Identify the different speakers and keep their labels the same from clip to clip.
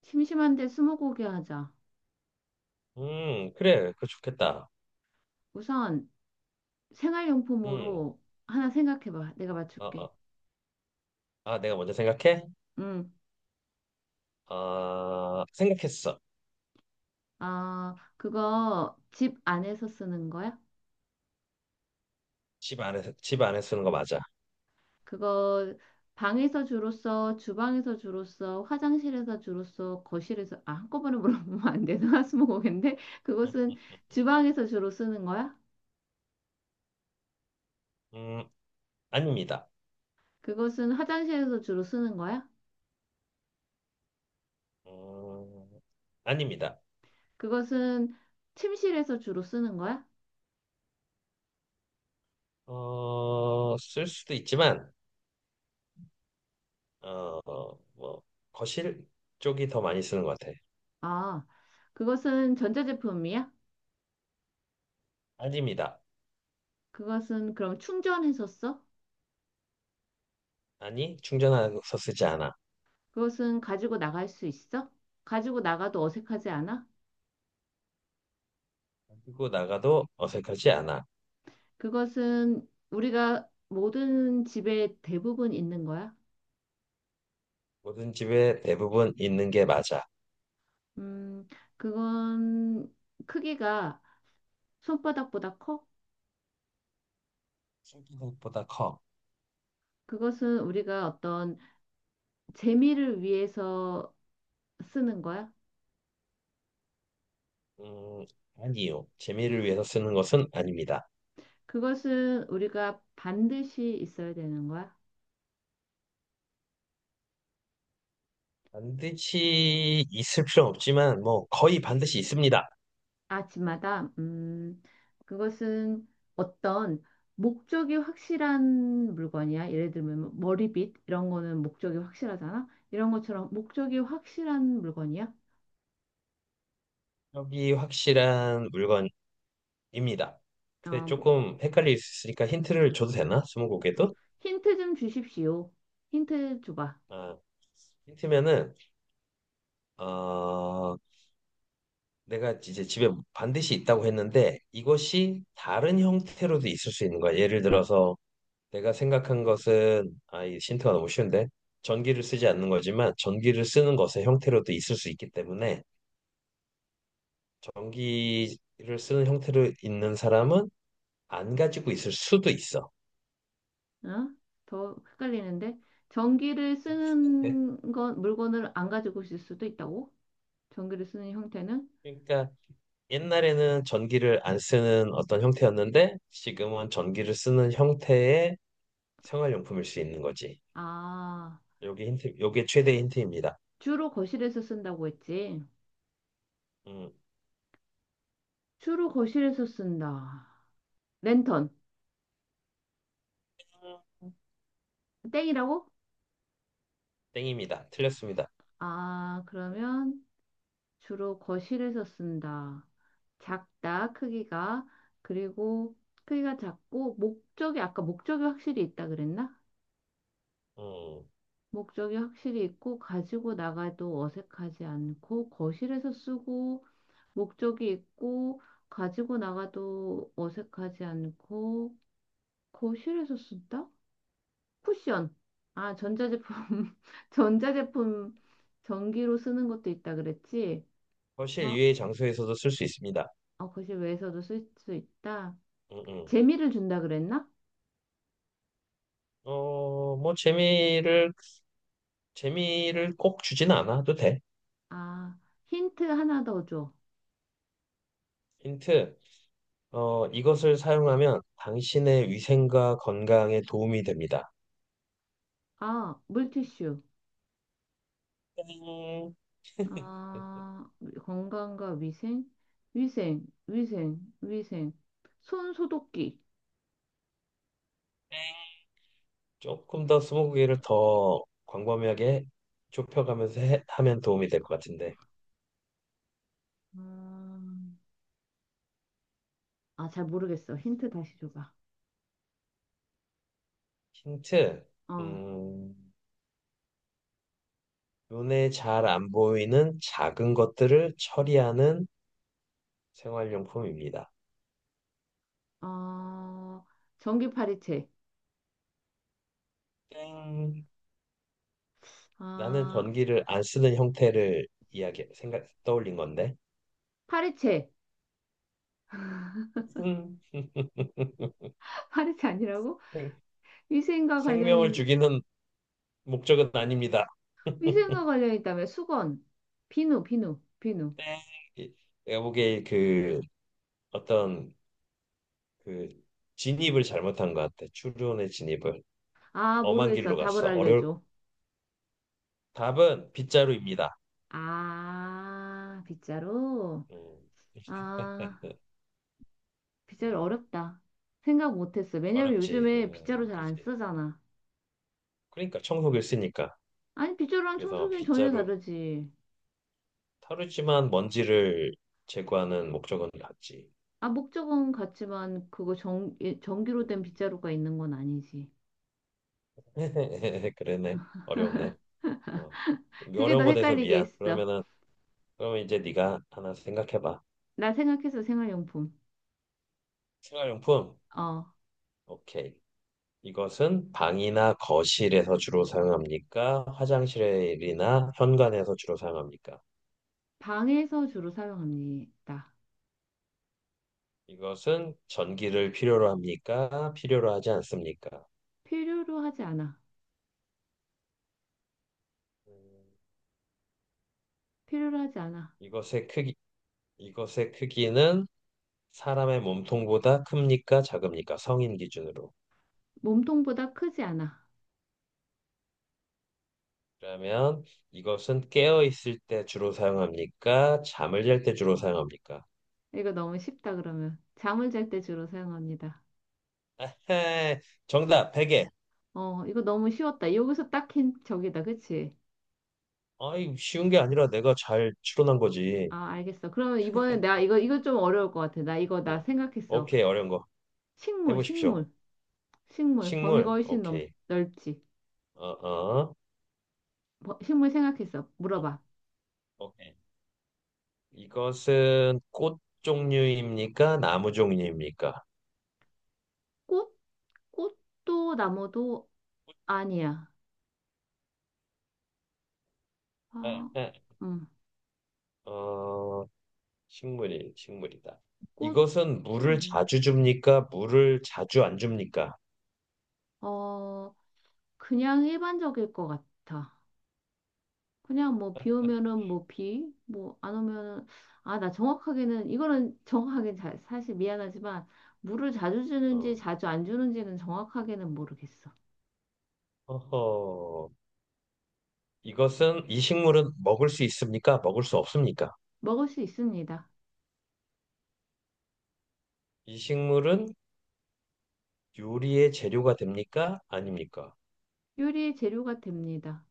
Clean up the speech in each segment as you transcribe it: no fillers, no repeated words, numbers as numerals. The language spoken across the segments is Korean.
Speaker 1: 심심한데 스무고개 하자.
Speaker 2: 그래, 그거 좋겠다.
Speaker 1: 우선
Speaker 2: 음,
Speaker 1: 생활용품으로 하나 생각해봐. 내가
Speaker 2: 어,
Speaker 1: 맞출게.
Speaker 2: 어. 아, 내가 먼저 생각해?
Speaker 1: 응.
Speaker 2: 아, 생각했어.
Speaker 1: 아, 그거 집 안에서 쓰는 거야?
Speaker 2: 집 안에 쓰는 거 맞아.
Speaker 1: 그거 방에서 주로 써, 주방에서 주로 써, 화장실에서 주로 써, 거실에서, 아, 한꺼번에 물어보면 안 되나? 스무고개인데?
Speaker 2: 어,
Speaker 1: 그것은 주방에서 주로 쓰는 거야?
Speaker 2: 음, 아닙니다.
Speaker 1: 그것은 화장실에서 주로 쓰는 거야?
Speaker 2: 음, 아닙니다.
Speaker 1: 그것은 침실에서 주로 쓰는 거야?
Speaker 2: 쓸 수도 있지만, 어, 뭐, 거실 쪽이 더 많이 쓰는 것 같아.
Speaker 1: 아, 그것은 전자제품이야?
Speaker 2: 아닙니다.
Speaker 1: 그것은 그럼 충전해서 써?
Speaker 2: 아니, 충전해서 쓰지 않아.
Speaker 1: 그것은 가지고 나갈 수 있어? 가지고 나가도 어색하지 않아?
Speaker 2: 그리고 나가도 어색하지 않아.
Speaker 1: 그것은 우리가 모든 집에 대부분 있는 거야?
Speaker 2: 모든 집에 대부분 있는 게 맞아.
Speaker 1: 음, 그건 크기가 손바닥보다 커?
Speaker 2: 생각보다 커.
Speaker 1: 그것은 우리가 어떤 재미를 위해서 쓰는 거야?
Speaker 2: 음, 아니요. 재미를 위해서 쓰는 것은 아닙니다.
Speaker 1: 그것은 우리가 반드시 있어야 되는 거야?
Speaker 2: 반드시 있을 필요는 없지만, 뭐, 거의 반드시 있습니다.
Speaker 1: 아침마다, 그것은 어떤 목적이 확실한 물건이야. 예를 들면 뭐 머리빗 이런 거는 목적이 확실하잖아. 이런 것처럼 목적이 확실한 물건이야.
Speaker 2: 여기 확실한 물건입니다. 근데
Speaker 1: 아, 뭐
Speaker 2: 조금 헷갈릴 수 있으니까 힌트를 줘도 되나? 스무고개도?
Speaker 1: 힌트 좀 주십시오. 힌트 줘봐.
Speaker 2: 아, 힌트면은, 어, 내가 이제 집에 반드시 있다고 했는데, 이것이 다른 형태로도 있을 수 있는 거야. 예를 들어서, 내가 생각한 것은 이 힌트가 너무 쉬운데 전기를 쓰지 않는 거지만 전기를 쓰는 것의 형태로도 있을 수 있기 때문에 전기를 쓰는 형태로 있는 사람은 안 가지고 있을 수도 있어.
Speaker 1: 어? 더 헷갈리는데 전기를
Speaker 2: 예?
Speaker 1: 쓰는 건 물건을 안 가지고 있을 수도 있다고? 전기를 쓰는 형태는?
Speaker 2: 그러니까 옛날에는 전기를 안 쓰는 어떤 형태였는데 지금은 전기를 쓰는 형태의 생활용품일 수 있는 거지.
Speaker 1: 아,
Speaker 2: 요게 힌트, 요게 최대의 힌트입니다.
Speaker 1: 주로 거실에서 쓴다고 했지.
Speaker 2: 음,
Speaker 1: 주로 거실에서 쓴다. 랜턴. 땡이라고?
Speaker 2: 땡입니다. 틀렸습니다.
Speaker 1: 아, 그러면 주로 거실에서 쓴다. 작다, 크기가. 그리고 크기가 작고, 목적이, 아까 목적이 확실히 있다 그랬나?
Speaker 2: 음,
Speaker 1: 목적이 확실히 있고, 가지고 나가도 어색하지 않고, 거실에서 쓰고, 목적이 있고, 가지고 나가도 어색하지 않고, 거실에서 쓴다? 쿠션. 아, 전자제품, 전자제품 전기로 쓰는 것도 있다 그랬지?
Speaker 2: 거실
Speaker 1: 아,
Speaker 2: 이외의 장소에서도 쓸 수 있습니다.
Speaker 1: 어, 거실 외에서도 쓸 수 있다.
Speaker 2: 음, 음.
Speaker 1: 재미를 준다 그랬나?
Speaker 2: 뭐 재미를 꼭 주진 않아도 돼.
Speaker 1: 아, 힌트 하나 더 줘.
Speaker 2: 힌트. 이것을 사용하면 당신의 위생과 건강에 도움이 됩니다.
Speaker 1: 아, 물티슈.
Speaker 2: 땡.
Speaker 1: 아, 건강과 위생? 위생, 위생, 위생. 손 소독기.
Speaker 2: 조금 더 스무고개를 더 광범위하게 좁혀가면서 하면 도움이 될 것 같은데.
Speaker 1: 음. 아, 잘 모르겠어. 힌트 다시 줘봐.
Speaker 2: 힌트.
Speaker 1: 어,
Speaker 2: 음, 눈에 잘 안 보이는 작은 것들을 처리하는 생활용품입니다.
Speaker 1: 어, 전기 파리채.
Speaker 2: 땡. 나는
Speaker 1: 아,
Speaker 2: 전기를 안 쓰는 형태를 이야기 생각 떠올린 건데
Speaker 1: 파리채.
Speaker 2: 음.
Speaker 1: 파리채 아니라고?
Speaker 2: 생-
Speaker 1: 위생과
Speaker 2: 생명을
Speaker 1: 관련이,
Speaker 2: 죽이는 목적은 아닙니다.
Speaker 1: 위생과 관련이 있다며. 수건. 비누, 비누, 비누.
Speaker 2: 네. 이- 내가 보기에 그 어떤 그 진입을 잘못한 것 같아. 추론의 진입을
Speaker 1: 아,
Speaker 2: 엄한 길로
Speaker 1: 모르겠어. 답을
Speaker 2: 갔어. 어려울
Speaker 1: 알려줘.
Speaker 2: 답은 빗자루입니다.
Speaker 1: 아, 빗자루?
Speaker 2: 음,
Speaker 1: 아, 빗자루
Speaker 2: 음,
Speaker 1: 어렵다. 생각 못했어. 왜냐면
Speaker 2: 어렵지.
Speaker 1: 요즘에 빗자루 잘 안
Speaker 2: 그지.
Speaker 1: 쓰잖아.
Speaker 2: 그러니까 청소기를 쓰니까
Speaker 1: 아니, 빗자루랑
Speaker 2: 그래서
Speaker 1: 청소기는 전혀
Speaker 2: 빗자루
Speaker 1: 다르지.
Speaker 2: 타르지만 먼지를 제거하는 목적은 같지.
Speaker 1: 아, 목적은 같지만 그거 전, 예, 전기로
Speaker 2: 음.
Speaker 1: 된 빗자루가 있는 건 아니지.
Speaker 2: 그러네. 어려웠네. 어.
Speaker 1: 그게
Speaker 2: 어려운
Speaker 1: 더
Speaker 2: 거 돼서
Speaker 1: 헷갈리게
Speaker 2: 미안.
Speaker 1: 했어.
Speaker 2: 그러면 이제 네가 하나 생각해 봐.
Speaker 1: 나 생각해서 생활용품.
Speaker 2: 생활용품.
Speaker 1: 어,
Speaker 2: 오케이. 이것은 방이나 거실에서 주로 사용합니까? 화장실이나 현관에서 주로 사용합니까?
Speaker 1: 방에서 주로 사용합니다.
Speaker 2: 이것은 전기를 필요로 합니까? 필요로 하지 않습니까?
Speaker 1: 필요로 하지 않아.
Speaker 2: 음,
Speaker 1: 필요로 하지 않아.
Speaker 2: 이것의 크기 이것의 크기는 사람의 몸통보다 큽니까? 작습니까? 성인 기준으로.
Speaker 1: 몸통보다 크지 않아.
Speaker 2: 그러면 이것은 깨어 있을 때 주로 사용합니까? 잠을 잘 때 주로 사용합니까?
Speaker 1: 이거 너무 쉽다, 그러면. 잠을 잘 때 주로 사용합니다.
Speaker 2: 에헤, 정답 베개.
Speaker 1: 어, 이거 너무 쉬웠다. 여기서 딱 힌, 저기다, 그치?
Speaker 2: 아이 쉬운 게 아니라 내가 잘 추론한 거지.
Speaker 1: 아, 알겠어. 그러면 이번에 나 이거, 이거 좀 어려울 것 같아. 나 이거, 나
Speaker 2: 어,
Speaker 1: 생각했어.
Speaker 2: 오케이, 어려운 거
Speaker 1: 식물,
Speaker 2: 해보십시오.
Speaker 1: 식물, 식물. 범위가
Speaker 2: 식물,
Speaker 1: 훨씬 넘,
Speaker 2: 오케이.
Speaker 1: 넓지.
Speaker 2: 어어,
Speaker 1: 버- 식물 생각했어.
Speaker 2: 어, 어,
Speaker 1: 물어봐.
Speaker 2: 오케이. 이것은 꽃 종류입니까? 나무 종류입니까?
Speaker 1: 꽃? 꽃도 나무도 아니야. 아,
Speaker 2: 에
Speaker 1: 음,
Speaker 2: 어 식물이 식물이다.
Speaker 1: 꽃도
Speaker 2: 이것은 물을
Speaker 1: 나무.
Speaker 2: 자주 줍니까? 물을 자주 안 줍니까?
Speaker 1: 어, 그냥 일반적일 것 같아. 그냥 뭐 비 오면은 뭐 비, 뭐 안 오면은 아, 나 정확하게는 이거는 정확하게 잘 사실 미안하지만 물을 자주 주는지
Speaker 2: 어.
Speaker 1: 자주 안 주는지는 정확하게는 모르겠어.
Speaker 2: 어허, 이것은 이 식물은 먹을 수 있습니까? 먹을 수 없습니까?
Speaker 1: 먹을 수 있습니다.
Speaker 2: 이 식물은 요리의 재료가 됩니까? 아닙니까?
Speaker 1: 요리의 재료가 됩니다.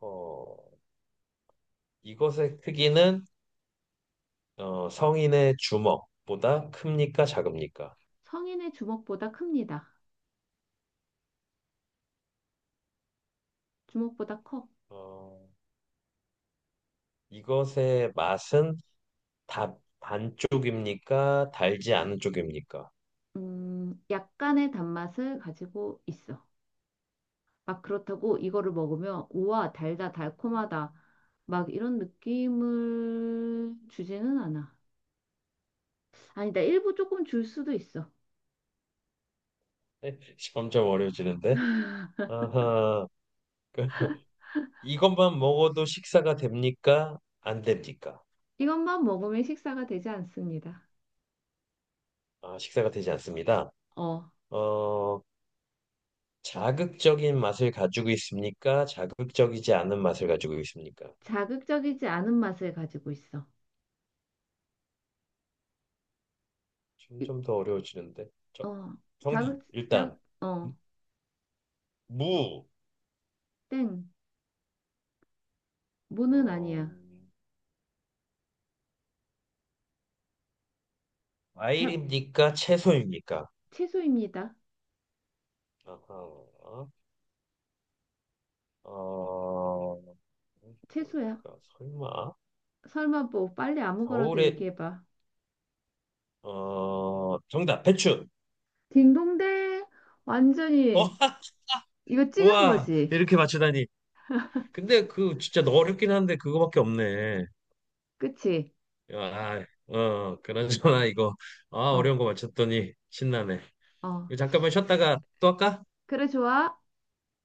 Speaker 2: 어허, 이것의 크기는 성인의 주먹보다 큽니까? 작습니까?
Speaker 1: 성인의 주먹보다 큽니다. 주먹보다 커.
Speaker 2: 어, 이것의 맛은 다 반쪽입니까? 달지 않은 쪽입니까?
Speaker 1: 약간의 단맛을 가지고 있어. 막 그렇다고 이거를 먹으면 우와, 달다, 달콤하다. 막 이런 느낌을 주지는 않아. 아니다, 일부 조금 줄 수도 있어.
Speaker 2: 점점 어려워지는데. 아하, 그, 이것만 먹어도 식사가 됩니까? 안 됩니까?
Speaker 1: 이것만 먹으면 식사가 되지 않습니다.
Speaker 2: 아, 식사가 되지 않습니다.
Speaker 1: 어,
Speaker 2: 어, 자극적인 맛을 가지고 있습니까? 자극적이지 않은 맛을 가지고 있습니까?
Speaker 1: 자극적이지 않은 맛을 가지고 있어. 이-
Speaker 2: 점점 더 어려워지는데. 저,
Speaker 1: 어,
Speaker 2: 정답,
Speaker 1: 자극, 자,
Speaker 2: 일단.
Speaker 1: 어,
Speaker 2: 무.
Speaker 1: 땡. 무는
Speaker 2: 어,
Speaker 1: 아니야. 자,
Speaker 2: 과일입니까? 채소입니까?
Speaker 1: 채소입니다.
Speaker 2: 아하. 어,
Speaker 1: 채소야.
Speaker 2: 뭘까? 설마?
Speaker 1: 설마 뭐 빨리 아무거라도
Speaker 2: 겨울에,
Speaker 1: 얘기해봐.
Speaker 2: 정답, 배추.
Speaker 1: 딩동댕. 완전히
Speaker 2: 어,
Speaker 1: 이거 찍은
Speaker 2: 우와,
Speaker 1: 거지.
Speaker 2: 이렇게 맞추다니. 근데 그 진짜 어렵긴 한데 그거밖에 없네.
Speaker 1: 그치?
Speaker 2: 아, 그런저나 이거, 아,
Speaker 1: 어,
Speaker 2: 어려운 거 맞췄더니 신나네.
Speaker 1: 어.
Speaker 2: 이거 잠깐만 쉬었다가 또 할까?
Speaker 1: 그래, 좋아.